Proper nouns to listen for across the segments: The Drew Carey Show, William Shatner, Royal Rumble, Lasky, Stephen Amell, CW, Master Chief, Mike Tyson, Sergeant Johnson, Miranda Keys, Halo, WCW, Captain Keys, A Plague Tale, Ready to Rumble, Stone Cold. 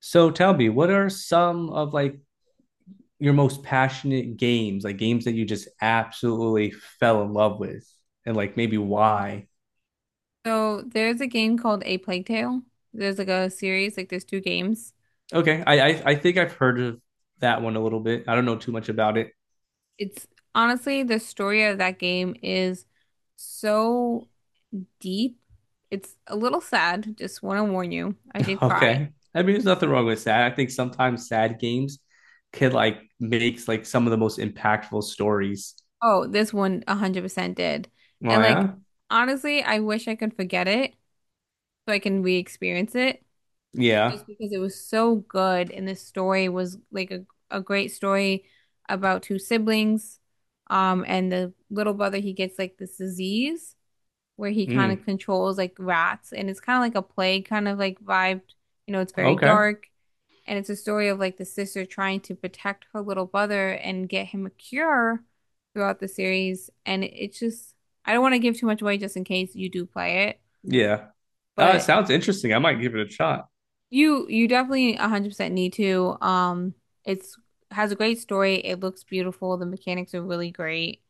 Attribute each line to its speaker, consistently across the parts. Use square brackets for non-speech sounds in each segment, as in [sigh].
Speaker 1: So tell me, what are some of like your most passionate games, like games that you just absolutely fell in love with, and like maybe why?
Speaker 2: So there's a game called A Plague Tale. There's like a series, like there's two games.
Speaker 1: Okay, I think I've heard of that one a little bit. I don't know too much about it. [laughs]
Speaker 2: It's honestly the story of that game is so deep. It's a little sad, just want to warn you. I did cry.
Speaker 1: Okay, I mean, there's nothing wrong with sad. I think sometimes sad games can like makes like some of the most impactful stories.
Speaker 2: Oh, this one 100% did.
Speaker 1: Oh
Speaker 2: And like
Speaker 1: yeah,
Speaker 2: honestly, I wish I could forget it so I can re-experience it,
Speaker 1: yeah.
Speaker 2: just because it was so good and this story was like a great story about two siblings and the little brother, he gets like this disease where he kind of
Speaker 1: Mm,
Speaker 2: controls like rats and it's kind of like a plague kind of like vibe, you know, it's very
Speaker 1: okay,
Speaker 2: dark, and it's a story of like the sister trying to protect her little brother and get him a cure throughout the series. And it's just, I don't want to give too much away just in case you do play it,
Speaker 1: yeah. It
Speaker 2: but
Speaker 1: sounds interesting. I might give it a shot.
Speaker 2: you definitely 100% need to. It's, has a great story. It looks beautiful. The mechanics are really great.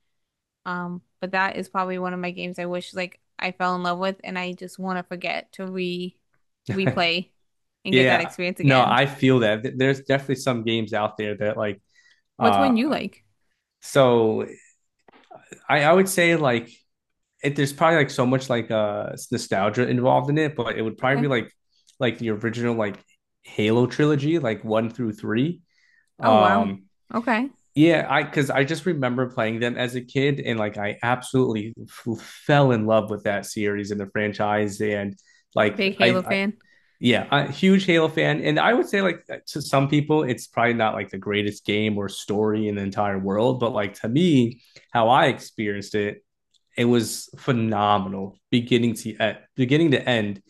Speaker 2: But that is probably one of my games I wish like I fell in love with, and I just want to forget to re
Speaker 1: [laughs]
Speaker 2: replay and get that
Speaker 1: Yeah,
Speaker 2: experience
Speaker 1: no,
Speaker 2: again.
Speaker 1: I feel that. There's definitely some games out there that like
Speaker 2: What's one you
Speaker 1: uh
Speaker 2: like?
Speaker 1: so I would say like it, there's probably like so much like nostalgia involved in it, but it would probably be
Speaker 2: Okay.
Speaker 1: like the original like Halo trilogy, like one through three.
Speaker 2: Oh wow.
Speaker 1: Um
Speaker 2: Okay.
Speaker 1: yeah, I because I just remember playing them as a kid and like I absolutely f fell in love with that series and the franchise and like
Speaker 2: Big Halo
Speaker 1: I.
Speaker 2: fan.
Speaker 1: Yeah, a huge Halo fan, and I would say like to some people, it's probably not like the greatest game or story in the entire world, but like to me, how I experienced it, it was phenomenal, beginning to beginning to end,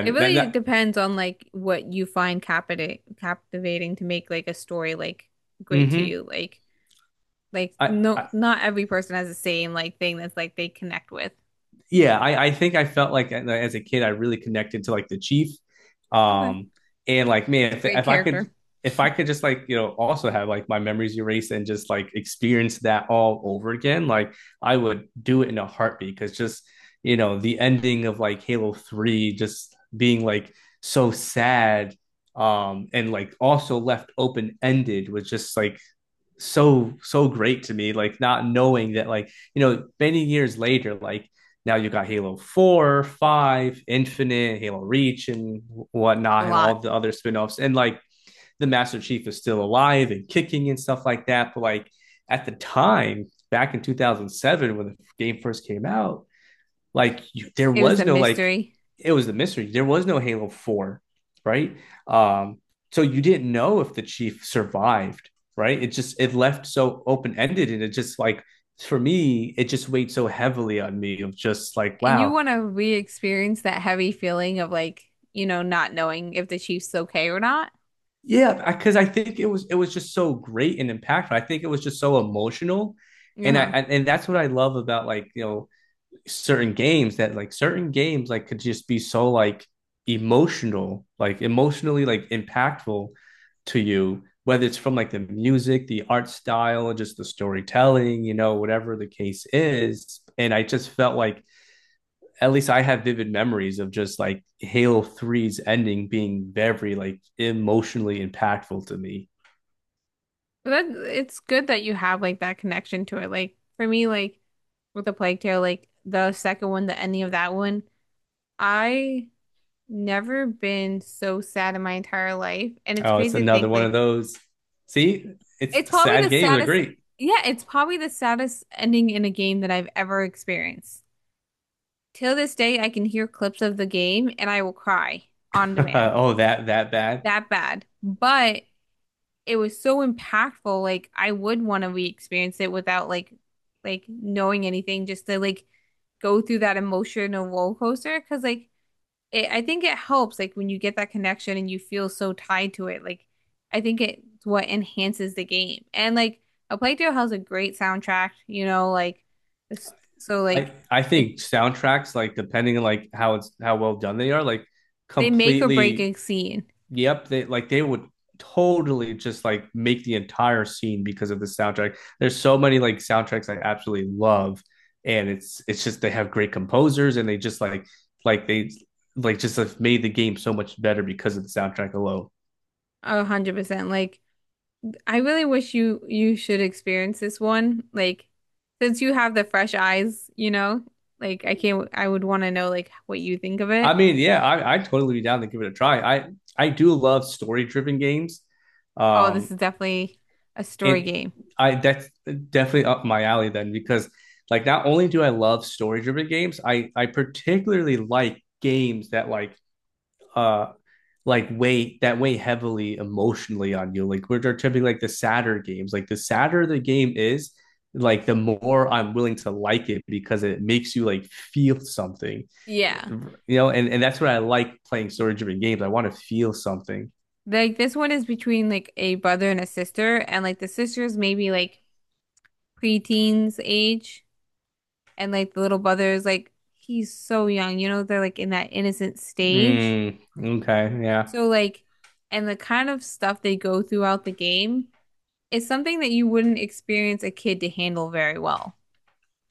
Speaker 2: It
Speaker 1: that
Speaker 2: really
Speaker 1: that
Speaker 2: depends on like what you find captivating to make like a story like great to
Speaker 1: Hmm.
Speaker 2: you. Like no,
Speaker 1: I
Speaker 2: not every person has the same like thing that's like they connect with.
Speaker 1: Yeah, I think I felt like as a kid I really connected to like the chief,
Speaker 2: Okay,
Speaker 1: um, and like man,
Speaker 2: it's a great character.
Speaker 1: if I could just like you know also have like my memories erased and just like experience that all over again, like I would do it in a heartbeat because just you know the ending of like Halo 3 just being like so sad and like also left open ended was just like so great to me like not knowing that like you know many years later like now you got halo 4 5 infinite halo reach and
Speaker 2: A
Speaker 1: whatnot and
Speaker 2: lot.
Speaker 1: all the other spinoffs, and like the master chief is still alive and kicking and stuff like that but like at the time back in 2007 when the game first came out like you, there
Speaker 2: It was a
Speaker 1: was no like
Speaker 2: mystery.
Speaker 1: it was the mystery. There was no Halo 4, right? Um, so you didn't know if the chief survived, right? It just it left so open-ended and it just like for me, it just weighed so heavily on me of just like,
Speaker 2: And you
Speaker 1: wow,
Speaker 2: want to re-experience that heavy feeling of like, you know, not knowing if the Chief's okay or not.
Speaker 1: yeah, because think it was just so great and impactful. I think it was just so emotional, and
Speaker 2: Uh-huh.
Speaker 1: I and that's what I love about like you know certain games that like certain games like could just be so like emotional, like emotionally like impactful to you, whether it's from like the music, the art style, just the storytelling, you know, whatever the case is. And I just felt like at least I have vivid memories of just like Halo 3's ending being very like emotionally impactful to me.
Speaker 2: But that it's good that you have like that connection to it. Like for me, like with the Plague Tale, like the second one, the ending of that one, I never been so sad in my entire life. And it's
Speaker 1: Oh, it's
Speaker 2: crazy to
Speaker 1: another
Speaker 2: think,
Speaker 1: one of
Speaker 2: like,
Speaker 1: those. See, it's
Speaker 2: it's probably the
Speaker 1: sad games are
Speaker 2: saddest,
Speaker 1: great.
Speaker 2: yeah, it's probably the saddest ending in a game that I've ever experienced. Till this day, I can hear clips of the game and I will cry on
Speaker 1: [laughs]
Speaker 2: demand.
Speaker 1: Oh, that bad.
Speaker 2: That bad. But it was so impactful. Like I would want to re-experience it without like like knowing anything, just to like go through that emotional roller coaster. Because like, it, I think it helps like when you get that connection and you feel so tied to it. Like I think it's what enhances the game. And like A Plague Tale has a great soundtrack, you know, like so
Speaker 1: I
Speaker 2: like
Speaker 1: I
Speaker 2: if
Speaker 1: think soundtracks like depending on like how it's how well done they are like
Speaker 2: they make or break
Speaker 1: completely
Speaker 2: a scene,
Speaker 1: yep they like they would totally just like make the entire scene because of the soundtrack. There's so many like soundtracks I absolutely love and it's just they have great composers and they just like they like just have made the game so much better because of the soundtrack alone.
Speaker 2: 100%. Like I really wish you should experience this one. Like since you have the fresh eyes, you know, like I can't, I would want to know like what you think of it.
Speaker 1: I mean, yeah, I totally be down to give it a try. I do love story driven games.
Speaker 2: Oh, this
Speaker 1: Um
Speaker 2: is definitely a story
Speaker 1: it
Speaker 2: game.
Speaker 1: I that's definitely up my alley then because like not only do I love story driven games, I particularly like games that uh like weigh that weigh heavily emotionally on you. Like which are typically like the sadder games. Like the sadder the game is, like the more I'm willing to like it because it makes you like feel something.
Speaker 2: Yeah.
Speaker 1: You know, and that's what I like playing story driven games. I want to feel something.
Speaker 2: Like this one is between like a brother and a sister, and like the sister's maybe like preteens age, and like the little brother is like, he's so young, you know, they're like in that innocent stage.
Speaker 1: Mm, okay, yeah.
Speaker 2: So like, and the kind of stuff they go throughout the game is something that you wouldn't experience a kid to handle very well,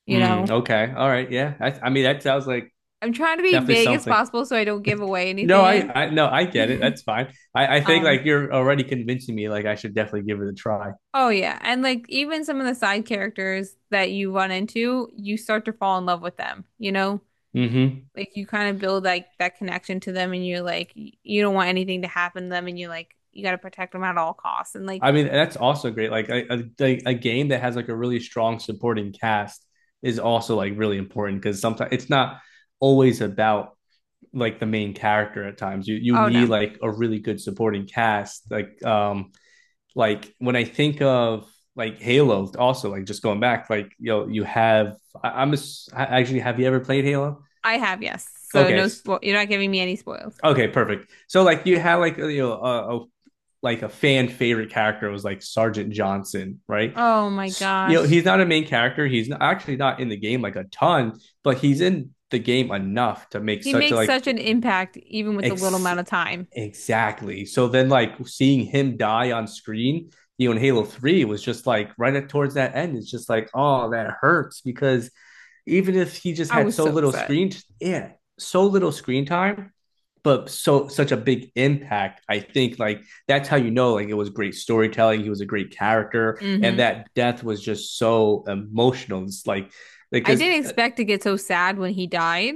Speaker 2: you
Speaker 1: Mm,
Speaker 2: know?
Speaker 1: okay. All right. Yeah. I mean, that sounds like
Speaker 2: I'm trying to be
Speaker 1: definitely
Speaker 2: vague as
Speaker 1: something.
Speaker 2: possible so I don't
Speaker 1: [laughs]
Speaker 2: give away
Speaker 1: No,
Speaker 2: anything.
Speaker 1: no, I get it.
Speaker 2: [laughs]
Speaker 1: That's fine. I think
Speaker 2: Um,
Speaker 1: like you're already convincing me. Like I should definitely give it a try.
Speaker 2: Oh yeah, and like even some of the side characters that you run into, you start to fall in love with them, you know?
Speaker 1: Hmm.
Speaker 2: Like you kind of build like that connection to them, and you're like, you don't want anything to happen to them, and you're like you got to protect them at all costs and like,
Speaker 1: I mean, that's also great. Like a like, a game that has like a really strong supporting cast is also like really important because sometimes it's not always about like the main character. At times, you
Speaker 2: oh
Speaker 1: need
Speaker 2: no.
Speaker 1: like a really good supporting cast. Like when I think of like Halo, also like just going back, like you know, you have I, I'm a, actually have you ever played Halo?
Speaker 2: I have, yes. So no
Speaker 1: Okay,
Speaker 2: spo you're not giving me any spoils.
Speaker 1: okay, perfect. So like you had like you know a like a fan favorite character was like Sergeant Johnson, right?
Speaker 2: Oh my
Speaker 1: You know
Speaker 2: gosh.
Speaker 1: he's not a main character. He's not, actually not in the game like a ton, but he's in the game enough to make
Speaker 2: He
Speaker 1: such a
Speaker 2: makes
Speaker 1: like
Speaker 2: such an impact even with the little
Speaker 1: ex-
Speaker 2: amount of time.
Speaker 1: Exactly. So then, like seeing him die on screen, you know, in Halo 3 was just like right at towards that end, it's just like, oh, that hurts because even if he just
Speaker 2: I
Speaker 1: had
Speaker 2: was
Speaker 1: so
Speaker 2: so
Speaker 1: little
Speaker 2: upset.
Speaker 1: screen, yeah, so little screen time, but so such a big impact. I think like that's how you know like it was great storytelling, he was a great character, and
Speaker 2: Hmm.
Speaker 1: that death was just so emotional. It's like
Speaker 2: I
Speaker 1: because
Speaker 2: didn't expect to get so sad when he died.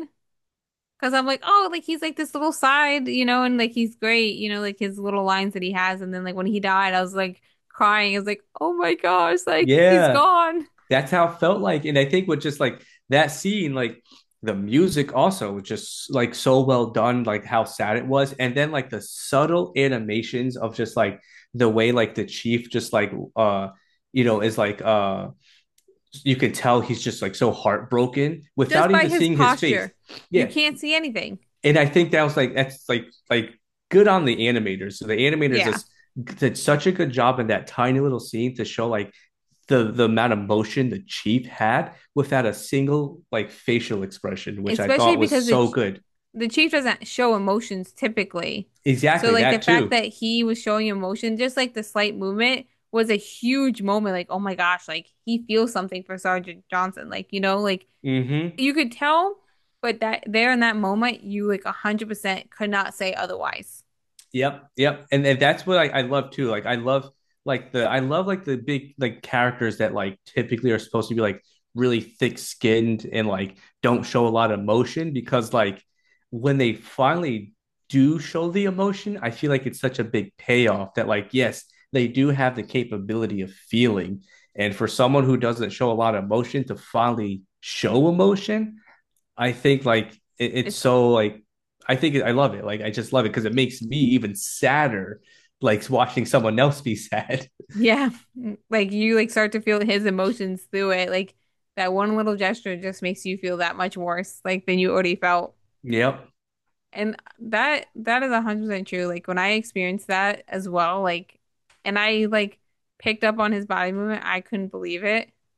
Speaker 2: Because I'm like, oh, like he's like this little side, you know, and like he's great, you know, like his little lines that he has. And then like when he died, I was like crying. I was like, oh my gosh, like he's
Speaker 1: yeah,
Speaker 2: gone,
Speaker 1: that's how it felt like. And I think with just like that scene, like the music also was just like so well done, like how sad it was. And then like the subtle animations of just like the way like the chief just like you know is like you can tell he's just like so heartbroken without
Speaker 2: just by
Speaker 1: even
Speaker 2: his
Speaker 1: seeing his face.
Speaker 2: posture. You
Speaker 1: Yeah.
Speaker 2: can't see anything.
Speaker 1: And I think that was like that's like good on the animators. So the animators
Speaker 2: Yeah.
Speaker 1: just did such a good job in that tiny little scene to show like the amount of motion the chief had without a single like facial expression, which I
Speaker 2: Especially
Speaker 1: thought was
Speaker 2: because the
Speaker 1: so good.
Speaker 2: the chief doesn't show emotions typically. So
Speaker 1: Exactly
Speaker 2: like the
Speaker 1: that
Speaker 2: fact
Speaker 1: too.
Speaker 2: that he was showing emotion, just like the slight movement, was a huge moment. Like, oh my gosh, like he feels something for Sergeant Johnson. Like, you know, like
Speaker 1: Hmm.
Speaker 2: you could tell, but that there in that moment, you like 100% could not say otherwise.
Speaker 1: Yep, yep, and that's what I love too. Like I love like the I love like the big like characters that like typically are supposed to be like really thick skinned and like don't show a lot of emotion because like when they finally do show the emotion, I feel like it's such a big payoff that like yes they do have the capability of feeling, and for someone who doesn't show a lot of emotion to finally show emotion, I think like it's
Speaker 2: It's,
Speaker 1: so like I think it, I love it. Like I just love it because it makes me even sadder, like watching someone else be sad.
Speaker 2: yeah, [laughs] like you like start to feel his emotions through it. Like that one little gesture just makes you feel that much worse like than you already felt.
Speaker 1: [laughs] Yep,
Speaker 2: And that is 100% true. Like when I experienced that as well, like, and I like picked up on his body movement, I couldn't believe it. I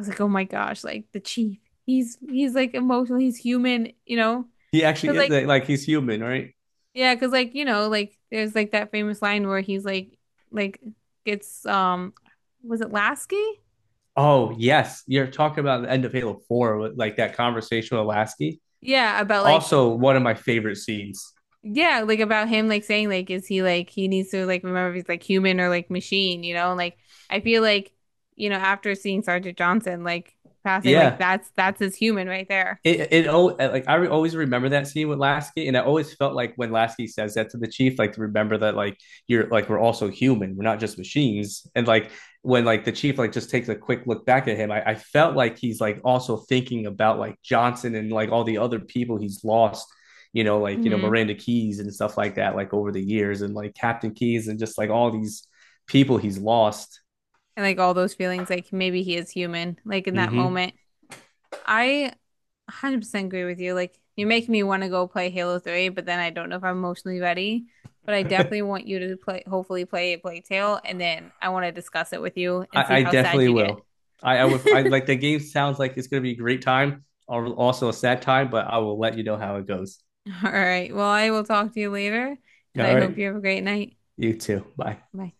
Speaker 2: was like, "Oh my gosh, like the chief. He's like emotional, he's human, you know?"
Speaker 1: he actually
Speaker 2: But
Speaker 1: is
Speaker 2: like,
Speaker 1: like, he's human, right?
Speaker 2: yeah, because like you know, like there's like that famous line where he's like it's, was it Lasky?
Speaker 1: Oh yes, you're talking about the end of Halo 4, with, like that conversation with Lasky.
Speaker 2: Yeah, about like,
Speaker 1: Also, one of my favorite scenes.
Speaker 2: yeah, like about him like saying like, is he like, he needs to like remember if he's like human or like machine, you know? And like, I feel like, you know, after seeing Sergeant Johnson like passing, like
Speaker 1: Yeah,
Speaker 2: that's his human right there.
Speaker 1: it oh like I always remember that scene with Lasky, and I always felt like when Lasky says that to the chief, like to remember that like you're like we're also human, we're not just machines. And like when like the chief like just takes a quick look back at him, I felt like he's like also thinking about like Johnson and like all the other people he's lost, you know, like you know
Speaker 2: Hmm.
Speaker 1: Miranda Keys and stuff like that, like over the years, and like Captain Keys and just like all these people he's lost.
Speaker 2: And like all those feelings, like maybe he is human, like in that
Speaker 1: Mm-hmm.
Speaker 2: moment. I 100% agree with you. Like, you're making me want to go play Halo 3, but then I don't know if I'm emotionally ready. But I definitely want you to play, hopefully play Plague Tale, and then I want to discuss it with you and see
Speaker 1: I
Speaker 2: how sad
Speaker 1: definitely
Speaker 2: you get.
Speaker 1: will. I would. I
Speaker 2: [laughs]
Speaker 1: like the game. Sounds like it's going to be a great time, or also a sad time. But I will let you know how it goes.
Speaker 2: All right. Well, I will talk to you later, and
Speaker 1: All
Speaker 2: I hope
Speaker 1: right.
Speaker 2: you have a great night.
Speaker 1: You too. Bye.
Speaker 2: Bye.